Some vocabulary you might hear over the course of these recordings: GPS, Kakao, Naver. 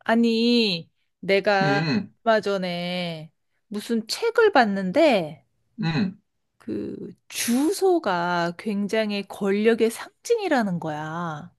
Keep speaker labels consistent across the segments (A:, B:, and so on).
A: 아니, 내가
B: 음,
A: 얼마 전에 무슨 책을 봤는데,
B: 음.
A: 그, 주소가 굉장히 권력의 상징이라는 거야.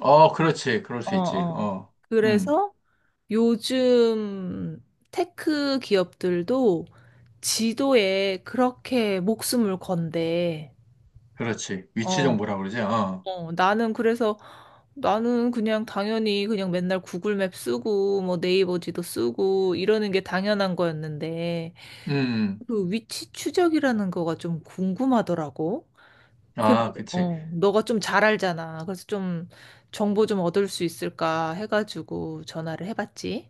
B: 어, 그렇지. 그럴
A: 어,
B: 수 있지.
A: 어.
B: 어, 음,
A: 그래서 요즘 테크 기업들도 지도에 그렇게 목숨을 건대.
B: 그렇지. 위치
A: 어.
B: 정보라 그러지. 어,
A: 나는 그래서 나는 그냥 당연히 그냥 맨날 구글맵 쓰고 뭐 네이버 지도 쓰고 이러는 게 당연한 거였는데
B: 음.
A: 그 위치 추적이라는 거가 좀 궁금하더라고. 근데
B: 아, 그치.
A: 너가 좀 잘 알잖아. 그래서 좀 정보 좀 얻을 수 있을까 해가지고 전화를 해봤지.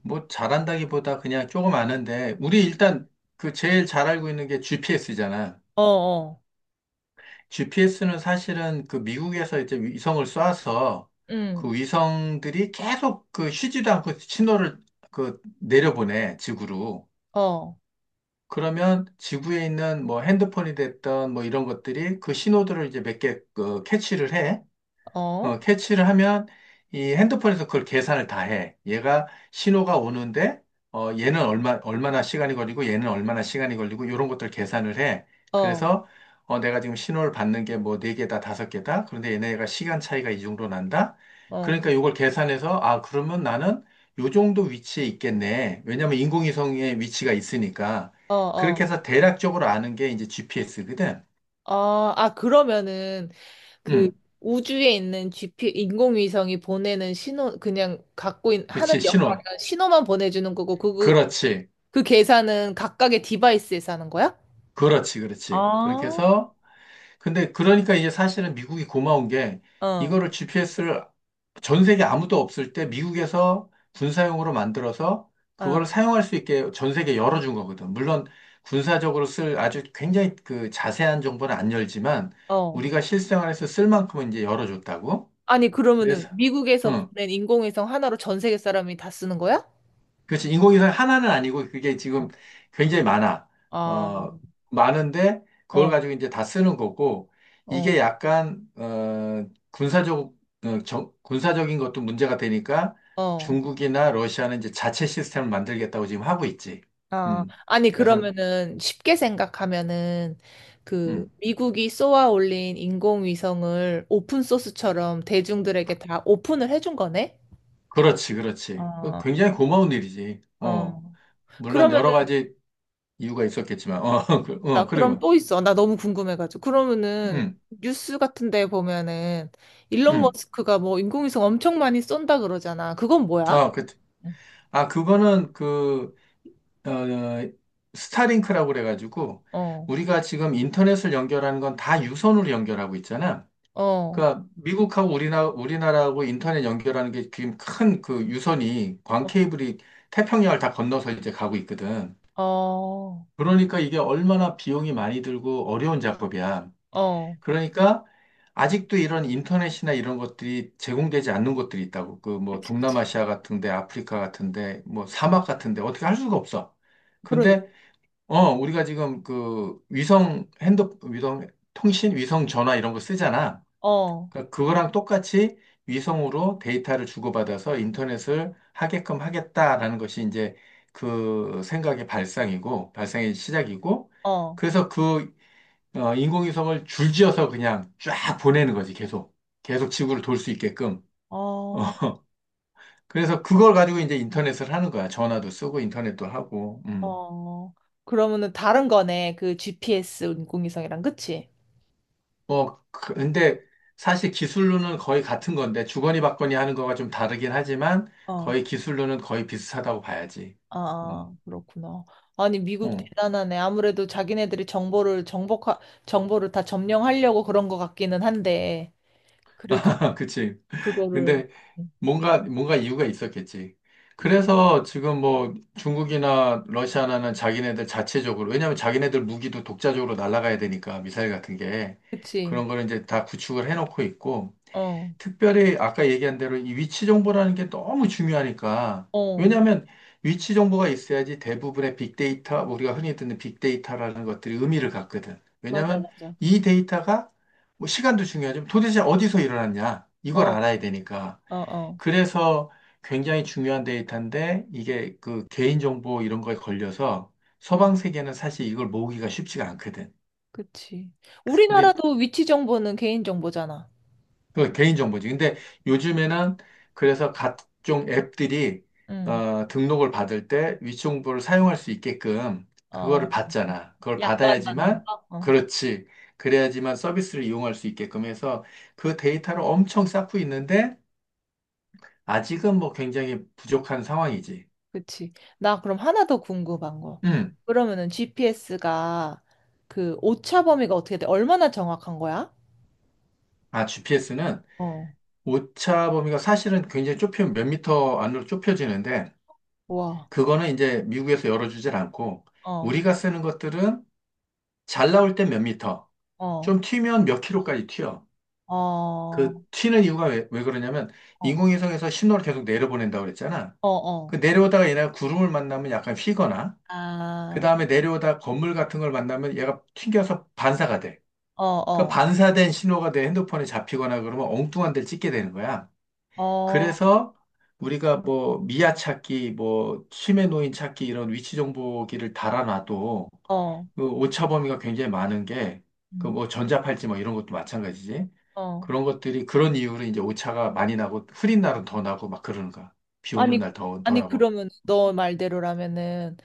B: 뭐, 잘한다기보다 그냥 조금 아는데, 우리 일단 그 제일 잘 알고 있는 게 GPS잖아.
A: 어, 어,
B: GPS는 사실은 그 미국에서 이제 위성을 쏴서
A: 응,
B: 그 위성들이 계속 그 쉬지도 않고 신호를 그 내려보내, 지구로.
A: 어,
B: 그러면 지구에 있는 뭐 핸드폰이 됐던 뭐 이런 것들이 그 신호들을 이제 몇 개 그 캐치를 해.
A: 어, 어,
B: 어, 캐치를 하면 이 핸드폰에서 그걸 계산을 다 해. 얘가 신호가 오는데 어, 얘는 얼마나 시간이 걸리고 얘는 얼마나 시간이 걸리고 이런 것들 계산을 해.
A: 어,
B: 그래서 어, 내가 지금 신호를 받는 게 뭐 네 개다 다섯 개다. 그런데 얘네가 시간 차이가 이 정도 난다.
A: 어,
B: 그러니까 이걸 계산해서 아 그러면 나는 요 정도 위치에 있겠네. 왜냐면 인공위성의 위치가 있으니까
A: 어.
B: 그렇게
A: 어,
B: 해서 대략적으로 아는 게 이제 GPS거든.
A: 어, 아, 그러면은 그
B: 음,
A: 우주에 있는 GP 인공위성이 보내는 신호 그냥 갖고 있, 하는
B: 그렇지 신호.
A: 역할은 신호만 보내주는 거고 그, 그,
B: 그렇지.
A: 그 계산은 각각의 디바이스에서 하는 거야?
B: 그렇지, 그렇지. 그렇게
A: 아,
B: 해서, 근데 그러니까 이제 사실은 미국이 고마운 게
A: 어,
B: 이거를 GPS를 전 세계 아무도 없을 때 미국에서 군사용으로 만들어서 그걸
A: 어.
B: 사용할 수 있게 전 세계 열어준 거거든. 물론 군사적으로 쓸 아주 굉장히 그 자세한 정보는 안 열지만
A: 어.
B: 우리가 실생활에서 쓸 만큼은 이제 열어줬다고.
A: 아니, 그러면은
B: 그래서,
A: 미국에서
B: 응.
A: 보낸 인공위성 하나로 전 세계 사람이 다 쓰는 거야?
B: 그렇지. 인공위성 하나는 아니고 그게 지금
A: 어.
B: 굉장히 많아.
A: 아,
B: 어, 많은데 그걸
A: 어,
B: 가지고 이제 다 쓰는 거고 이게
A: 어,
B: 약간 어, 군사적 어, 군사적인 것도 문제가 되니까
A: 어.
B: 중국이나 러시아는 이제 자체 시스템을 만들겠다고 지금 하고 있지.
A: 아,
B: 음.
A: 아니,
B: 그래서
A: 그러면은 쉽게 생각하면은 그
B: 음.
A: 미국이 쏘아 올린 인공위성을 오픈소스처럼 대중들에게 다 오픈을 해준 거네?
B: 그렇지, 그렇지. 그
A: 어,
B: 굉장히 고마운 일이지. 어.
A: 어.
B: 물론 여러
A: 그러면은,
B: 가지 이유가 있었겠지만. 어. 그,
A: 나
B: 어,
A: 그럼
B: 그리고
A: 또 있어. 나 너무 궁금해가지고. 그러면은
B: 음.
A: 뉴스 같은 데 보면은 일론
B: 음.
A: 머스크가 뭐 인공위성 엄청 많이 쏜다 그러잖아. 그건 뭐야?
B: 아, 그 아, 그거는 그 어, 어, 스타링크라고 그래가지고
A: 어,
B: 우리가 지금 인터넷을 연결하는 건 다 유선으로 연결하고 있잖아.
A: 어,
B: 그러니까 미국하고 우리나라하고 인터넷 연결하는 게 지금 큰 그 유선이 광
A: 어,
B: 케이블이 태평양을 다 건너서 이제 가고 있거든.
A: 어,
B: 그러니까 이게 얼마나 비용이 많이 들고 어려운 작업이야.
A: 어,
B: 그러니까 아직도 이런 인터넷이나 이런 것들이 제공되지 않는 것들이 있다고. 그 뭐
A: 그치, 그치.
B: 동남아시아 같은데, 아프리카 같은데, 뭐
A: 음.
B: 사막 같은데 어떻게 할 수가 없어.
A: 그러니까.
B: 근데 어, 우리가 지금 그 위성 핸드, 위성 통신, 위성 전화 이런 거 쓰잖아.
A: 어,
B: 그러니까 그거랑 똑같이 위성으로 데이터를 주고받아서 인터넷을 하게끔 하겠다라는 것이 이제 그 생각의 발상이고, 발상의 시작이고,
A: 어,
B: 그래서 그 어, 인공위성을 줄지어서 그냥 쫙 보내는 거지, 계속. 계속 지구를 돌 수 있게끔.
A: 어,
B: 어, 그래서 그걸 가지고 이제 인터넷을 하는 거야. 전화도 쓰고 인터넷도 하고. 음.
A: 어. 그러면은 다른 거네. 그 GPS 인공위성이랑, 그치?
B: 뭐, 근데 사실 기술로는 거의 같은 건데, 주거니 받거니 하는 거가 좀 다르긴 하지만,
A: 어,
B: 거의 기술로는 거의 비슷하다고 봐야지. 어,
A: 아, 그렇구나. 아니, 미국
B: 어,
A: 대단하네. 아무래도 자기네들이 정보를 정복하, 정보를 다 점령하려고 그런 것 같기는 한데, 그래도
B: 그치.
A: 그거를,
B: 근데 뭔가 이유가 있었겠지.
A: 이- 이-
B: 그래서 지금 뭐 중국이나 러시아나는 자기네들 자체적으로, 왜냐면 자기네들 무기도 독자적으로 날아가야 되니까, 미사일 같은 게.
A: 그치?
B: 그런 거를 이제 다 구축을 해놓고 있고,
A: 어,
B: 특별히 아까 얘기한 대로 이 위치 정보라는 게 너무 중요하니까.
A: 어,
B: 왜냐하면 위치 정보가 있어야지 대부분의 빅데이터, 우리가 흔히 듣는 빅데이터라는 것들이 의미를 갖거든.
A: 맞아,
B: 왜냐하면
A: 맞아.
B: 이 데이터가 뭐 시간도 중요하지만 도대체 어디서 일어났냐?
A: 어,
B: 이걸 알아야 되니까.
A: 어, 어.
B: 그래서 굉장히 중요한 데이터인데 이게 그 개인정보 이런 거에 걸려서 서방 세계는 사실 이걸 모으기가 쉽지가 않거든.
A: 그치.
B: 근데
A: 우리나라도 위치 정보는 개인 정보잖아.
B: 그 개인정보지. 근데 요즘에는 그래서 각종 앱들이
A: 응.
B: 어, 등록을 받을 때 위치 정보를 사용할 수 있게끔 그거를
A: 어,
B: 받잖아. 그걸
A: 약관 받는
B: 받아야지만
A: 거? 어,
B: 그렇지. 그래야지만 서비스를 이용할 수 있게끔 해서 그 데이터를 엄청 쌓고 있는데 아직은 뭐 굉장히 부족한 상황이지.
A: 그치. 나 그럼 하나 더 궁금한 거.
B: 음.
A: 그러면은 GPS가 그 오차 범위가 어떻게 돼? 얼마나 정확한 거야?
B: 아, GPS는
A: 어,
B: 오차 범위가 사실은 굉장히 좁히면 몇 미터 안으로 좁혀지는데
A: 와,
B: 그거는 이제 미국에서 열어주질 않고
A: 어,
B: 우리가 쓰는 것들은 잘 나올 땐 몇 미터,
A: 어,
B: 좀 튀면 몇 킬로까지 튀어.
A: 어, 어,
B: 그 튀는 이유가 왜 그러냐면 인공위성에서 신호를 계속 내려보낸다고 그랬잖아.
A: 어, 어,
B: 그 내려오다가 얘네가 구름을 만나면 약간 휘거나 그
A: 아,
B: 다음에 내려오다 건물 같은 걸 만나면 얘가 튕겨서 반사가 돼.
A: 어,
B: 그
A: 어,
B: 반사된 신호가 내 핸드폰에 잡히거나 그러면 엉뚱한 데를 찍게 되는 거야.
A: 어,
B: 그래서 우리가 뭐 미아 찾기, 뭐 치매 노인 찾기 이런 위치 정보기를 달아놔도
A: 어,
B: 그 오차 범위가 굉장히 많은 게, 그
A: 음,
B: 뭐 전자팔찌 뭐 이런 것도 마찬가지지.
A: 어.
B: 그런 것들이 그런 이유로 이제 오차가 많이 나고 흐린 날은 더 나고 막 그러는 거야. 비 오는
A: 아니,
B: 날 더
A: 아니,
B: 나고.
A: 그러면 너 말대로라면은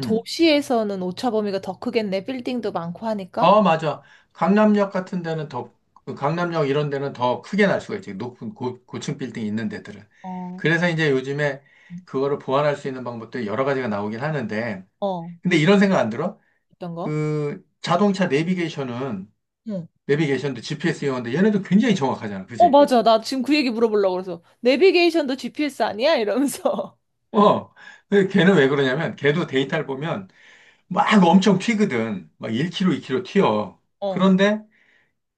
B: 음.
A: 도시에서는 오차 범위가 더 크겠네. 빌딩도 많고 하니까.
B: 어, 맞아. 강남역 같은 데는 더, 그 강남역 이런 데는 더 크게 날 수가 있지. 높은 고층 빌딩 있는 데들은.
A: 어,
B: 그래서 이제 요즘에 그거를 보완할 수 있는 방법도 여러 가지가 나오긴 하는데,
A: 어.
B: 근데 이런 생각 안 들어?
A: 어떤 거?
B: 그 자동차 내비게이션은,
A: 응.
B: 내비게이션도 GPS 이용하는데 얘네도 굉장히 정확하잖아.
A: 어,
B: 그치?
A: 맞아. 나 지금 그 얘기 물어보려고 그래서. 내비게이션도 GPS 아니야? 이러면서.
B: 어, 근데 걔는 왜 그러냐면, 걔도 데이터를 보면 막 엄청 튀거든. 막 1km, 2km 튀어.
A: 어.
B: 그런데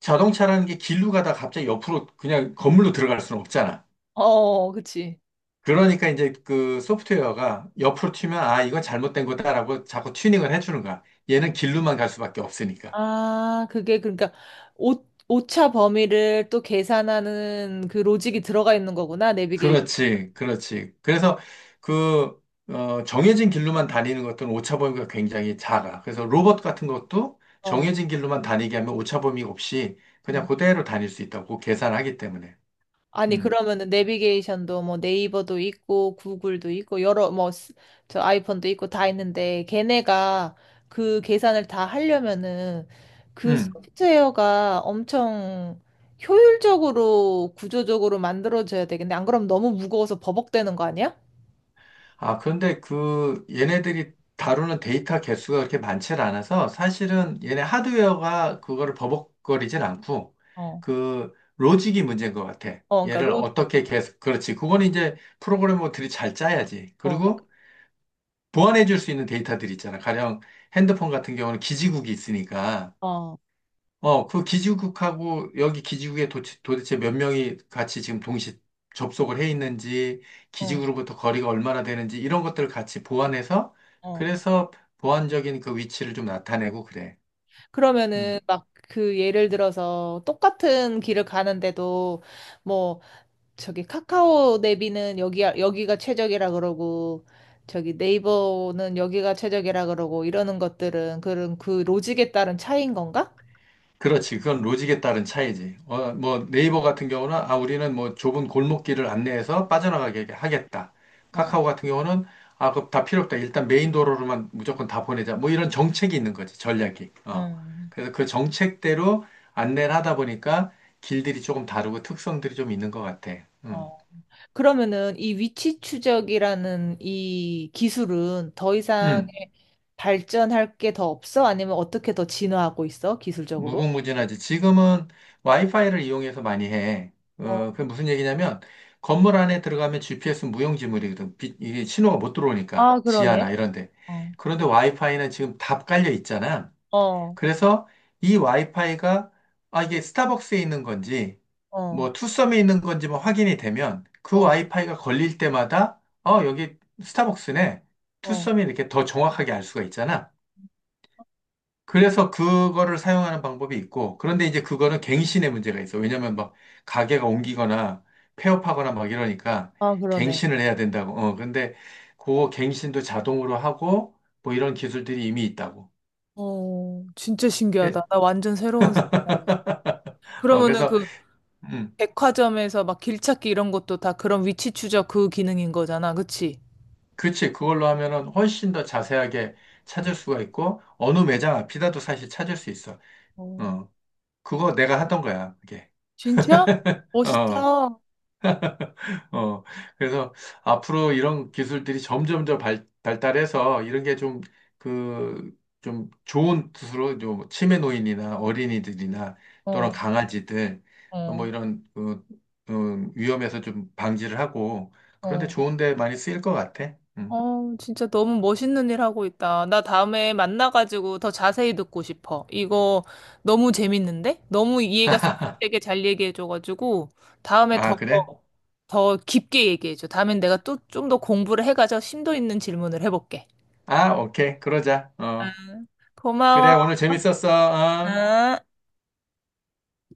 B: 자동차라는 게 길로 가다가 갑자기 옆으로 그냥 건물로 들어갈 수는 없잖아.
A: 어, 그치.
B: 그러니까 이제 그 소프트웨어가 옆으로 튀면, 아, 이건 잘못된 거다라고 자꾸 튜닝을 해주는 거야. 얘는 길로만 갈 수밖에 없으니까.
A: 아, 그게 그러니까 오, 오차 범위를 또 계산하는 그 로직이 들어가 있는 거구나. 내비게이션.
B: 그렇지, 그렇지. 그래서 그, 어, 정해진 길로만 다니는 것들은 오차범위가 굉장히 작아. 그래서 로봇 같은 것도
A: 어.
B: 정해진 길로만 다니게 하면 오차범위 없이 그냥 그대로 다닐 수 있다고 계산하기 때문에.
A: 아니,
B: 음,
A: 그러면은 내비게이션도 뭐 네이버도 있고 구글도 있고 여러 뭐 저 아이폰도 있고 다 있는데 걔네가 그 계산을 다 하려면은 그
B: 음.
A: 소프트웨어가 엄청 효율적으로 구조적으로 만들어져야 되겠네. 안 그럼 너무 무거워서 버벅대는 거 아니야?
B: 아, 그런데 그 얘네들이 다루는 데이터 개수가 그렇게 많지 않아서 사실은 얘네 하드웨어가 그거를 버벅거리진 않고
A: 어.
B: 그 로직이 문제인 것 같아.
A: 어, 그러니까
B: 얘를
A: 로
B: 어떻게 계속, 그렇지. 그거는 이제 프로그래머들이 잘 짜야지.
A: 어, 그러니까 그,
B: 그리고 보완해 줄 수 있는 데이터들이 있잖아. 가령 핸드폰 같은 경우는 기지국이 있으니까,
A: 어.
B: 어, 그 기지국하고 여기 기지국에 도대체 몇 명이 같이 지금 동시 접속을 해 있는지,
A: 어.
B: 기지국으로부터 거리가 얼마나 되는지, 이런 것들을 같이 보완해서,
A: 어.
B: 그래서 보완적인 그 위치를 좀 나타내고 그래.
A: 그러면은
B: 음.
A: 막 그 예를 들어서 똑같은 길을 가는데도 뭐 저기 카카오 내비는 여기 여기가 최적이라 그러고 저기 네이버는 여기가 최적이라 그러고 이러는 것들은 그런 그 로직에 따른 차이인 건가?
B: 그렇지. 그건 로직에 따른 차이지. 어, 뭐 네이버 같은 경우는 아 우리는 뭐 좁은 골목길을 안내해서 빠져나가게 하겠다.
A: 어.
B: 카카오 같은 경우는 아 그거 다 필요 없다. 일단 메인 도로로만 무조건 다 보내자. 뭐 이런 정책이 있는 거지. 전략이. 어.
A: 음.
B: 그래서 그 정책대로 안내를 하다 보니까 길들이 조금 다르고 특성들이 좀 있는 것 같아. 음.
A: 어. 그러면은 이 위치 추적이라는 이 기술은 더 이상
B: 음.
A: 발전할 게 더 없어? 아니면 어떻게 더 진화하고 있어? 기술적으로?
B: 무궁무진하지. 지금은 와이파이를 이용해서 많이 해. 어,
A: 어.
B: 그게 무슨 얘기냐면, 건물 안에 들어가면 GPS는 무용지물이거든. 이게 신호가 못 들어오니까.
A: 아,
B: 지하나
A: 그러네.
B: 이런 데.
A: 어.
B: 그런데 와이파이는 지금 다 깔려 있잖아.
A: 어.
B: 그래서 이 와이파이가, 아, 이게 스타벅스에 있는 건지,
A: 어.
B: 뭐, 투썸에 있는 건지 뭐 확인이 되면, 그
A: 어.
B: 와이파이가 걸릴 때마다, 어, 여기 스타벅스네.
A: 어.
B: 투썸이 이렇게 더 정확하게 알 수가 있잖아. 그래서 그거를 사용하는 방법이 있고, 그런데 이제 그거는 갱신의 문제가 있어. 왜냐면 막 가게가 옮기거나 폐업하거나 막 이러니까
A: 아, 그러네.
B: 갱신을 해야 된다고. 어, 근데 그 갱신도 자동으로 하고 뭐 이런 기술들이 이미 있다고.
A: 어, 진짜
B: 예?
A: 신기하다. 나 완전 새로운 생각.
B: 어,
A: 그러면은
B: 그래서,
A: 그
B: 음,
A: 백화점에서 막 길찾기 이런 것도 다 그런 위치 추적 그 기능인 거잖아. 그치?
B: 그치. 그걸로 하면은 훨씬 더 자세하게 찾을 수가 있고, 어느 매장 앞이라도 사실 찾을 수 있어.
A: 어,
B: 어, 그거 내가 하던 거야, 그게.
A: 진짜?
B: 어.
A: 멋있다.
B: 어, 그래서 앞으로 이런 기술들이 점점 더 발달해서 이런 게 좀 그, 좀 좋은 뜻으로 좀 치매 노인이나 어린이들이나 또는
A: 어,
B: 강아지들 어, 뭐
A: 어,
B: 이런 그, 위험에서 좀 방지를 하고 그런데
A: 어.
B: 좋은데 많이 쓰일 것 같아. 음.
A: 어, 진짜 너무 멋있는 일 하고 있다. 나 다음에 만나가지고 더 자세히 듣고 싶어. 이거 너무 재밌는데? 너무 이해가 쏙 되게 잘 얘기해줘가지고, 다음에 더,
B: 아, 그래?
A: 더 깊게 얘기해줘. 다음엔 내가 또 좀 더 공부를 해가지고 심도 있는 질문을 해볼게.
B: 아, 오케이. 그러자. 어,
A: 응.
B: 그래.
A: 고마워.
B: 오늘 재밌었어. 어.
A: 응.